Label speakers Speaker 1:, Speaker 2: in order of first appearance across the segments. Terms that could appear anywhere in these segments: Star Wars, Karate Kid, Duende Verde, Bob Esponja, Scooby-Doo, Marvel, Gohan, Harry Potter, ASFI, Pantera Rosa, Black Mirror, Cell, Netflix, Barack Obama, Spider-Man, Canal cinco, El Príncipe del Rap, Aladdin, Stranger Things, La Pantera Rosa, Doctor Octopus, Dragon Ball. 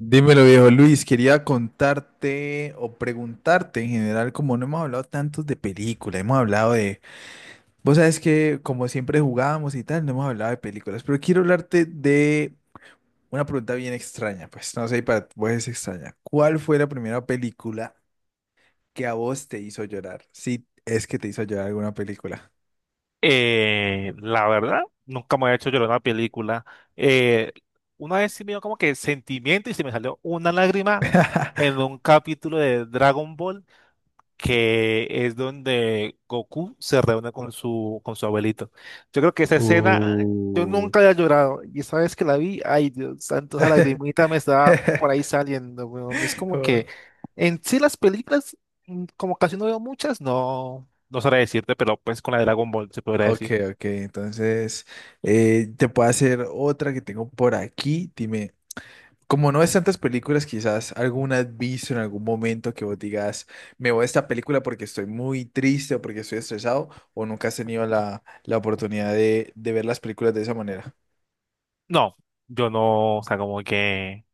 Speaker 1: Dímelo, viejo Luis, quería contarte o preguntarte en general, como no hemos hablado tantos de películas, hemos hablado de, vos sabes que como siempre jugábamos y tal, no hemos hablado de películas, pero quiero hablarte de una pregunta bien extraña, pues no sé, para vos es extraña. ¿Cuál fue la primera película que a vos te hizo llorar? Si es que te hizo llorar alguna película.
Speaker 2: La verdad, nunca me había hecho llorar una película. Eh, una vez sí me dio como que sentimiento y se me salió una lágrima en un capítulo de Dragon Ball que es donde Goku se reúne con su abuelito. Yo creo que esa escena yo nunca había llorado y esa vez que la vi, ay Dios santo, esa
Speaker 1: Uh,
Speaker 2: lagrimita me estaba por ahí saliendo, weón. Es como que en sí las películas, como casi no veo muchas, no, no sabré decirte, pero pues con la de Dragon Ball se podría
Speaker 1: Ok,
Speaker 2: decir.
Speaker 1: ok, entonces te puedo hacer otra que tengo por aquí. Dime, como no ves tantas películas, quizás alguna has visto en algún momento que vos digas, me voy a esta película porque estoy muy triste o porque estoy estresado, o nunca has tenido la oportunidad de ver las películas de esa manera.
Speaker 2: No, yo no, o sea, como que,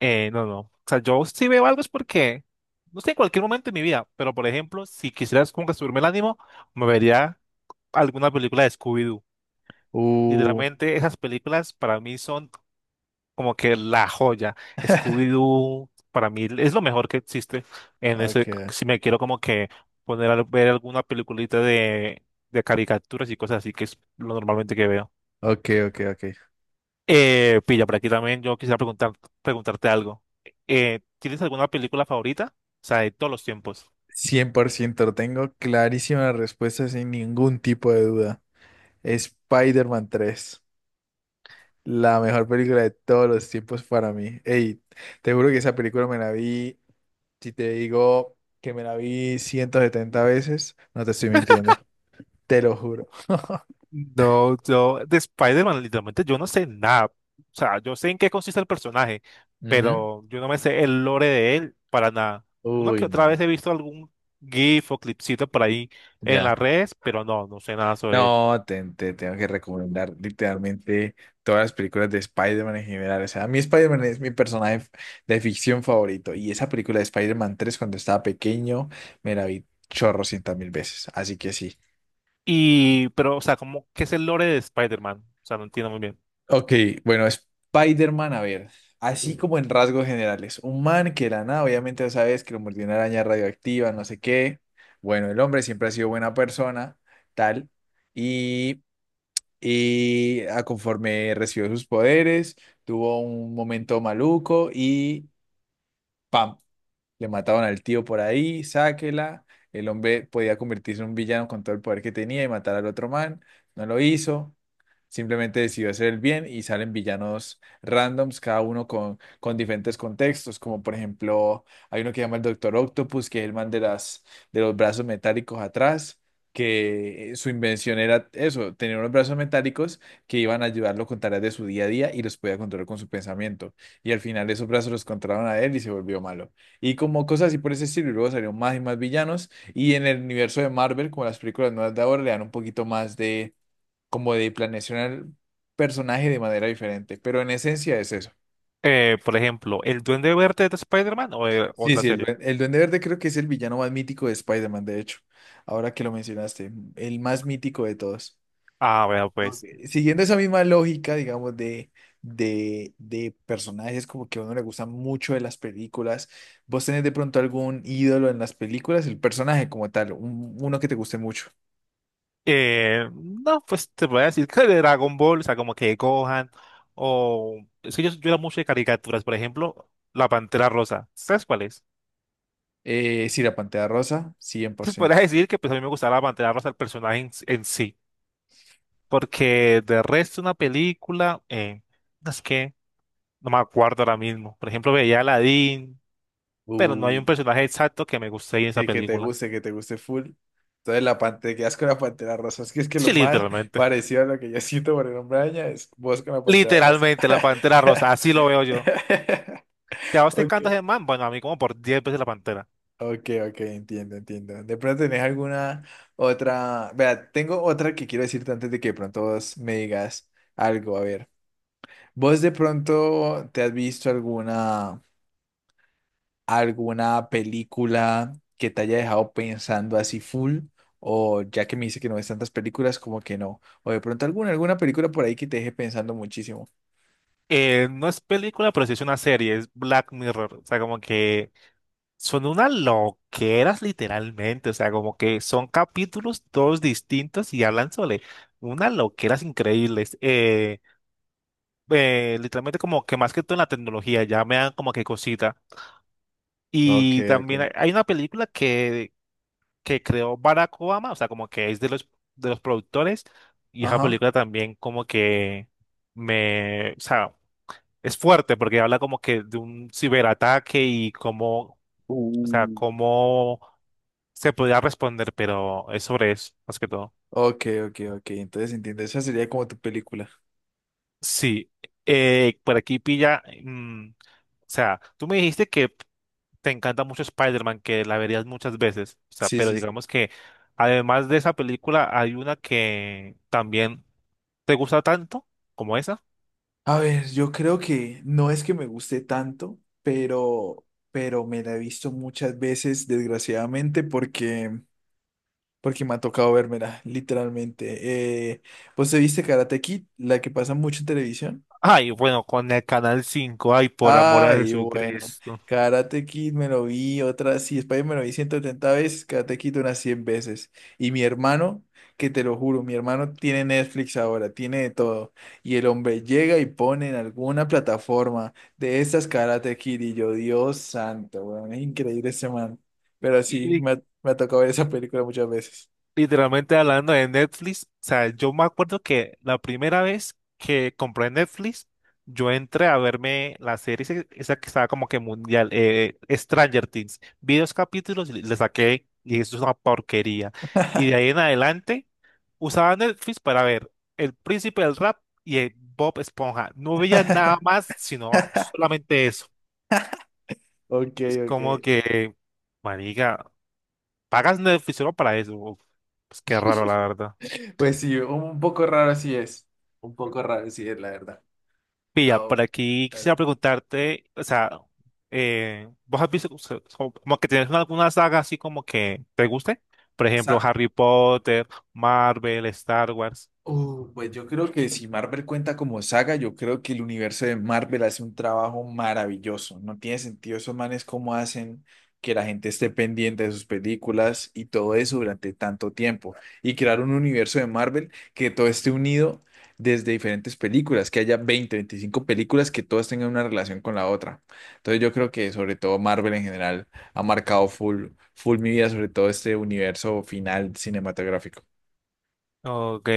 Speaker 2: no, no. O sea, yo si veo algo es porque, no sé, en cualquier momento de mi vida, pero por ejemplo, si quisieras como que subirme el ánimo, me vería alguna película de Scooby-Doo.
Speaker 1: Uh,
Speaker 2: Literalmente, esas películas para mí son como que la joya. Scooby-Doo para mí es lo mejor que existe en ese,
Speaker 1: ok,
Speaker 2: si me quiero como que poner a ver alguna peliculita de caricaturas y cosas así, que es lo normalmente que veo.
Speaker 1: ok, ok, ok.
Speaker 2: Pilla, por aquí también yo quisiera preguntarte algo. ¿Tienes alguna película favorita? O sea, de todos los tiempos.
Speaker 1: Cien por ciento lo tengo clarísima la respuesta sin ningún tipo de duda. Spider-Man 3. La mejor película de todos los tiempos para mí. Ey, te juro que esa película me la vi, si te digo que me la vi 170 veces, no te estoy mintiendo. Te lo juro.
Speaker 2: No, yo de Spider-Man literalmente yo no sé nada. O sea, yo sé en qué consiste el personaje,
Speaker 1: Ujú.
Speaker 2: pero yo no me sé el lore de él para nada. Uno que
Speaker 1: Uy,
Speaker 2: otra vez
Speaker 1: no.
Speaker 2: he visto algún GIF o clipcito por ahí en las
Speaker 1: Ya.
Speaker 2: redes, pero no, no sé nada sobre él.
Speaker 1: No, te tengo que recomendar literalmente todas las películas de Spider-Man en general. O sea, a mí Spider-Man es mi personaje de ficción favorito. Y esa película de Spider-Man 3 cuando estaba pequeño, me la vi chorrocientas mil veces. Así que sí.
Speaker 2: Y, pero, o sea, como, ¿qué es el lore de Spider-Man? O sea, no entiendo muy bien.
Speaker 1: Ok, bueno, Spider-Man, a ver, así como en rasgos generales, un man que era nada, obviamente ya sabes que lo mordió una araña radioactiva, no sé qué, bueno, el hombre siempre ha sido buena persona, tal, y, y a conforme recibió sus poderes, tuvo un momento maluco y ¡pam! Le mataban al tío por ahí, sáquela, el hombre podía convertirse en un villano con todo el poder que tenía y matar al otro man, no lo hizo. Simplemente decidió hacer el bien y salen villanos randoms, cada uno con diferentes contextos, como por ejemplo, hay uno que llama el Doctor Octopus, que es el man de las, de los brazos metálicos atrás, que su invención era eso, tener unos brazos metálicos que iban a ayudarlo con tareas de su día a día y los podía controlar con su pensamiento. Y al final esos brazos los controlaron a él y se volvió malo. Y como cosas así por ese estilo, y luego salieron más y más villanos. Y en el universo de Marvel, como las películas nuevas de ahora, le dan un poquito más de como de planeación al personaje de manera diferente, pero en esencia es eso.
Speaker 2: Por ejemplo, ¿el Duende Verde de Spider-Man o de
Speaker 1: Sí,
Speaker 2: otra
Speaker 1: sí,
Speaker 2: serie?
Speaker 1: el Duende Verde creo que es el villano más mítico de Spider-Man, de hecho, ahora que lo mencionaste, el más mítico de todos.
Speaker 2: Ah, bueno, pues.
Speaker 1: Siguiendo esa misma lógica, digamos, de personajes como que a uno le gustan mucho de las películas, ¿vos tenés de pronto algún ídolo en las películas, el personaje como tal, uno que te guste mucho?
Speaker 2: No, pues te voy a decir que de Dragon Ball, o sea, como que Gohan, o. Es que yo era mucho de caricaturas, por ejemplo, La Pantera Rosa. ¿Sabes cuál es?
Speaker 1: Sí, la Pantera Rosa, cien por
Speaker 2: Pues podrías
Speaker 1: ciento.
Speaker 2: decir que pues, a mí me gustaba La Pantera Rosa, el personaje en sí. Porque de resto, una película, no, es que no me acuerdo ahora mismo. Por ejemplo, veía a Aladdin, pero no hay un personaje exacto que me guste ahí en esa
Speaker 1: Que,
Speaker 2: película.
Speaker 1: que te guste full. Entonces la pantera, quedas con la pantera rosa. Es que lo
Speaker 2: Sí,
Speaker 1: más
Speaker 2: literalmente.
Speaker 1: parecido a lo que yo siento por el hombre araña es vos con la pantera rosa.
Speaker 2: Literalmente, La Pantera Rosa, así lo veo yo. Si a vos te
Speaker 1: Ok,
Speaker 2: encanta ese man, bueno, a mí como por 10 veces la Pantera.
Speaker 1: ok, ok, entiendo, entiendo. De pronto tenés alguna otra. Vea, tengo otra que quiero decirte antes de que de pronto vos me digas algo. A ver, vos de pronto te has visto alguna. Alguna película que te haya dejado pensando así full, o ya que me dice que no ves tantas películas, como que no, o de pronto alguna, alguna película por ahí que te deje pensando muchísimo.
Speaker 2: No es película, pero sí es una serie, es Black Mirror. O sea, como que son unas loqueras literalmente. O sea, como que son capítulos todos distintos y hablan sobre unas loqueras increíbles. Literalmente como que más que todo en la tecnología, ya me dan como que cosita.
Speaker 1: Ok,
Speaker 2: Y también
Speaker 1: ok.
Speaker 2: hay una película que creó Barack Obama, o sea, como que es de de los productores, y esa
Speaker 1: Ajá.
Speaker 2: película también como que me, o sea, es fuerte porque habla como que de un ciberataque y cómo, o sea,
Speaker 1: Uh,
Speaker 2: cómo se podría responder, pero es sobre eso, más que todo.
Speaker 1: ok, ok, ok. Entonces entiendo, esa sería como tu película.
Speaker 2: Sí, por aquí pilla, o sea, tú me dijiste que te encanta mucho Spider-Man, que la verías muchas veces. O sea,
Speaker 1: Sí,
Speaker 2: pero
Speaker 1: sí. Sí.
Speaker 2: digamos que además de esa película, hay una que también te gusta tanto como esa.
Speaker 1: A ver, yo creo que no es que me guste tanto, pero, pero me la he visto muchas veces, desgraciadamente, porque porque me ha tocado vérmela, literalmente. ¿Vos te viste Karate Kid, la que pasa mucho en televisión?
Speaker 2: Ay, bueno, con el Canal 5, ay, por amor a
Speaker 1: Ay, bueno,
Speaker 2: Jesucristo.
Speaker 1: Karate Kid me lo vi otra, sí, Spider me lo vi 170 veces, Karate Kid unas 100 veces. Y mi hermano, que te lo juro, mi hermano tiene Netflix ahora, tiene de todo. Y el hombre llega y pone en alguna plataforma de estas Karate Kid y yo, Dios santo, weón, es increíble ese man. Pero sí,
Speaker 2: Y
Speaker 1: me ha tocado ver esa película muchas veces.
Speaker 2: literalmente hablando de Netflix, o sea, yo me acuerdo que la primera vez que compré Netflix, yo entré a verme la serie esa que estaba como que mundial, Stranger Things. Vi dos capítulos y le saqué, y eso es una porquería. Y de ahí en adelante usaba Netflix para ver El Príncipe del Rap y el Bob Esponja. No veía nada más, sino solamente eso.
Speaker 1: Ok,
Speaker 2: Es
Speaker 1: ok.
Speaker 2: como que, marica, pagas Netflix solo para eso. Uf, pues qué raro, la verdad.
Speaker 1: Pues sí, un poco raro así es. Un poco raro así es, la verdad.
Speaker 2: Pilla,
Speaker 1: Ah,
Speaker 2: por
Speaker 1: oh,
Speaker 2: aquí quisiera
Speaker 1: dale.
Speaker 2: preguntarte, o sea, ¿vos has visto o sea, como, como que tienes alguna saga así como que te guste? Por ejemplo, Harry Potter, Marvel, Star Wars.
Speaker 1: Pues yo creo que si Marvel cuenta como saga, yo creo que el universo de Marvel hace un trabajo maravilloso. No tiene sentido esos manes cómo hacen que la gente esté pendiente de sus películas y todo eso durante tanto tiempo. Y crear un universo de Marvel que todo esté unido desde diferentes películas, que haya 20, 25 películas que todas tengan una relación con la otra. Entonces yo creo que sobre todo Marvel en general ha marcado full, full mi vida, sobre todo este universo final cinematográfico.
Speaker 2: Ok,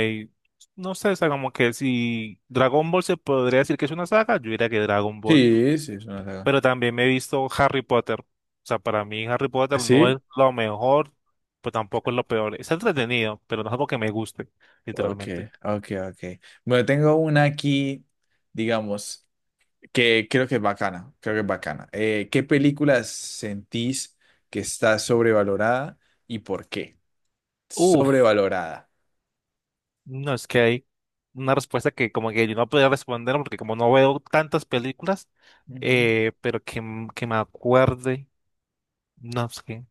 Speaker 2: no sé, o sea, como que si Dragon Ball se podría decir que es una saga, yo diría que Dragon Ball.
Speaker 1: Sí, sí, es una saga.
Speaker 2: Pero también me he visto Harry Potter. O sea, para mí Harry Potter no es
Speaker 1: ¿Sí?
Speaker 2: lo mejor, pero tampoco es lo peor. Está entretenido, pero no es algo que me guste,
Speaker 1: Ok,
Speaker 2: literalmente.
Speaker 1: ok, ok. Bueno, tengo una aquí, digamos, que creo que es bacana, creo que es bacana. ¿Qué película sentís que está sobrevalorada y por qué?
Speaker 2: Uf,
Speaker 1: Sobrevalorada.
Speaker 2: no es que hay una respuesta que como que yo no podía responder porque como no veo tantas películas,
Speaker 1: Ujú.
Speaker 2: pero que, que me acuerde, no es que,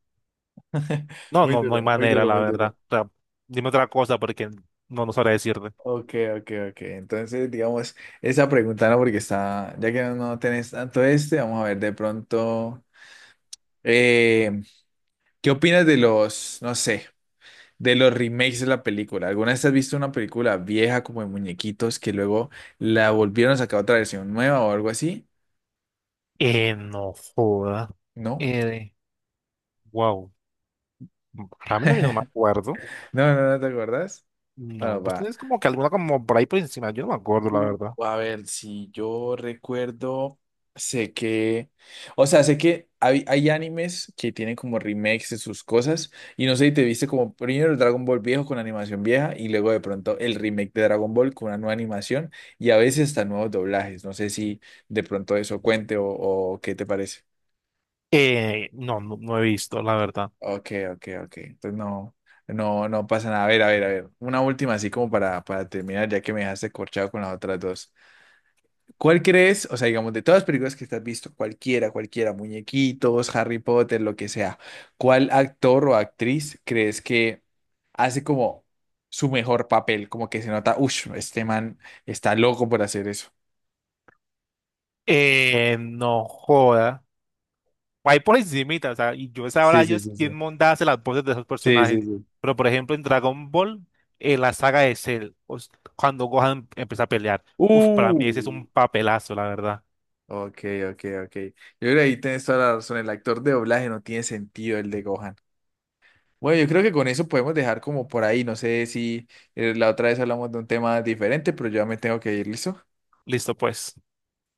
Speaker 2: no,
Speaker 1: Muy
Speaker 2: no, no
Speaker 1: duro,
Speaker 2: hay
Speaker 1: muy
Speaker 2: manera,
Speaker 1: duro,
Speaker 2: la
Speaker 1: muy duro.
Speaker 2: verdad. O sea, dime otra cosa porque no, no sabré decirte.
Speaker 1: Ok, ok, ok. Entonces, digamos, esa pregunta no, porque está, ya que no tenés tanto este, vamos a ver de pronto, eh, ¿qué opinas de los, no sé? De los remakes de la película. ¿Alguna vez has visto una película vieja como de muñequitos que luego la volvieron a sacar otra versión nueva o algo así?
Speaker 2: No joda.
Speaker 1: No.
Speaker 2: Eh, wow. Para mí no, yo no me acuerdo.
Speaker 1: No, no, no te acuerdas.
Speaker 2: No,
Speaker 1: Bueno,
Speaker 2: pues
Speaker 1: va.
Speaker 2: tienes como que alguna como por ahí por encima. Yo no me acuerdo, la
Speaker 1: Uh,
Speaker 2: verdad.
Speaker 1: A ver, si yo recuerdo, sé que, o sea, sé que hay animes que tienen como remakes de sus cosas y no sé si te viste como primero el Dragon Ball viejo con animación vieja y luego de pronto el remake de Dragon Ball con una nueva animación y a veces hasta nuevos doblajes. No sé si de pronto eso cuente o qué te parece.
Speaker 2: No, no, no he visto, la verdad.
Speaker 1: Ok, ok, ok. Entonces no, no, no pasa nada. A ver, a ver, a ver. Una última así como para terminar, ya que me dejaste corchado con las otras dos. ¿Cuál crees? O sea, digamos, de todas las películas que te has visto, cualquiera, cualquiera, muñequitos, Harry Potter, lo que sea, ¿cuál actor o actriz crees que hace como su mejor papel? Como que se nota, uff, este man está loco por hacer eso.
Speaker 2: No joda. Ahí por encimita, o sea, y yo sabrá
Speaker 1: Sí, sí,
Speaker 2: Dios
Speaker 1: sí,
Speaker 2: quién
Speaker 1: sí.
Speaker 2: monta hace las voces de esos
Speaker 1: Sí,
Speaker 2: personajes.
Speaker 1: sí, sí.
Speaker 2: Pero por ejemplo, en Dragon Ball, la saga de Cell, cuando Gohan empieza a pelear, uf, para
Speaker 1: Uh.
Speaker 2: mí ese es un papelazo, la verdad.
Speaker 1: Ok, ok, ok. Yo creo que ahí tienes toda la razón. El actor de doblaje no tiene sentido el de Gohan. Bueno, yo creo que con eso podemos dejar como por ahí. No sé si la otra vez hablamos de un tema diferente, pero yo ya me tengo que ir, ¿listo?
Speaker 2: Listo, pues.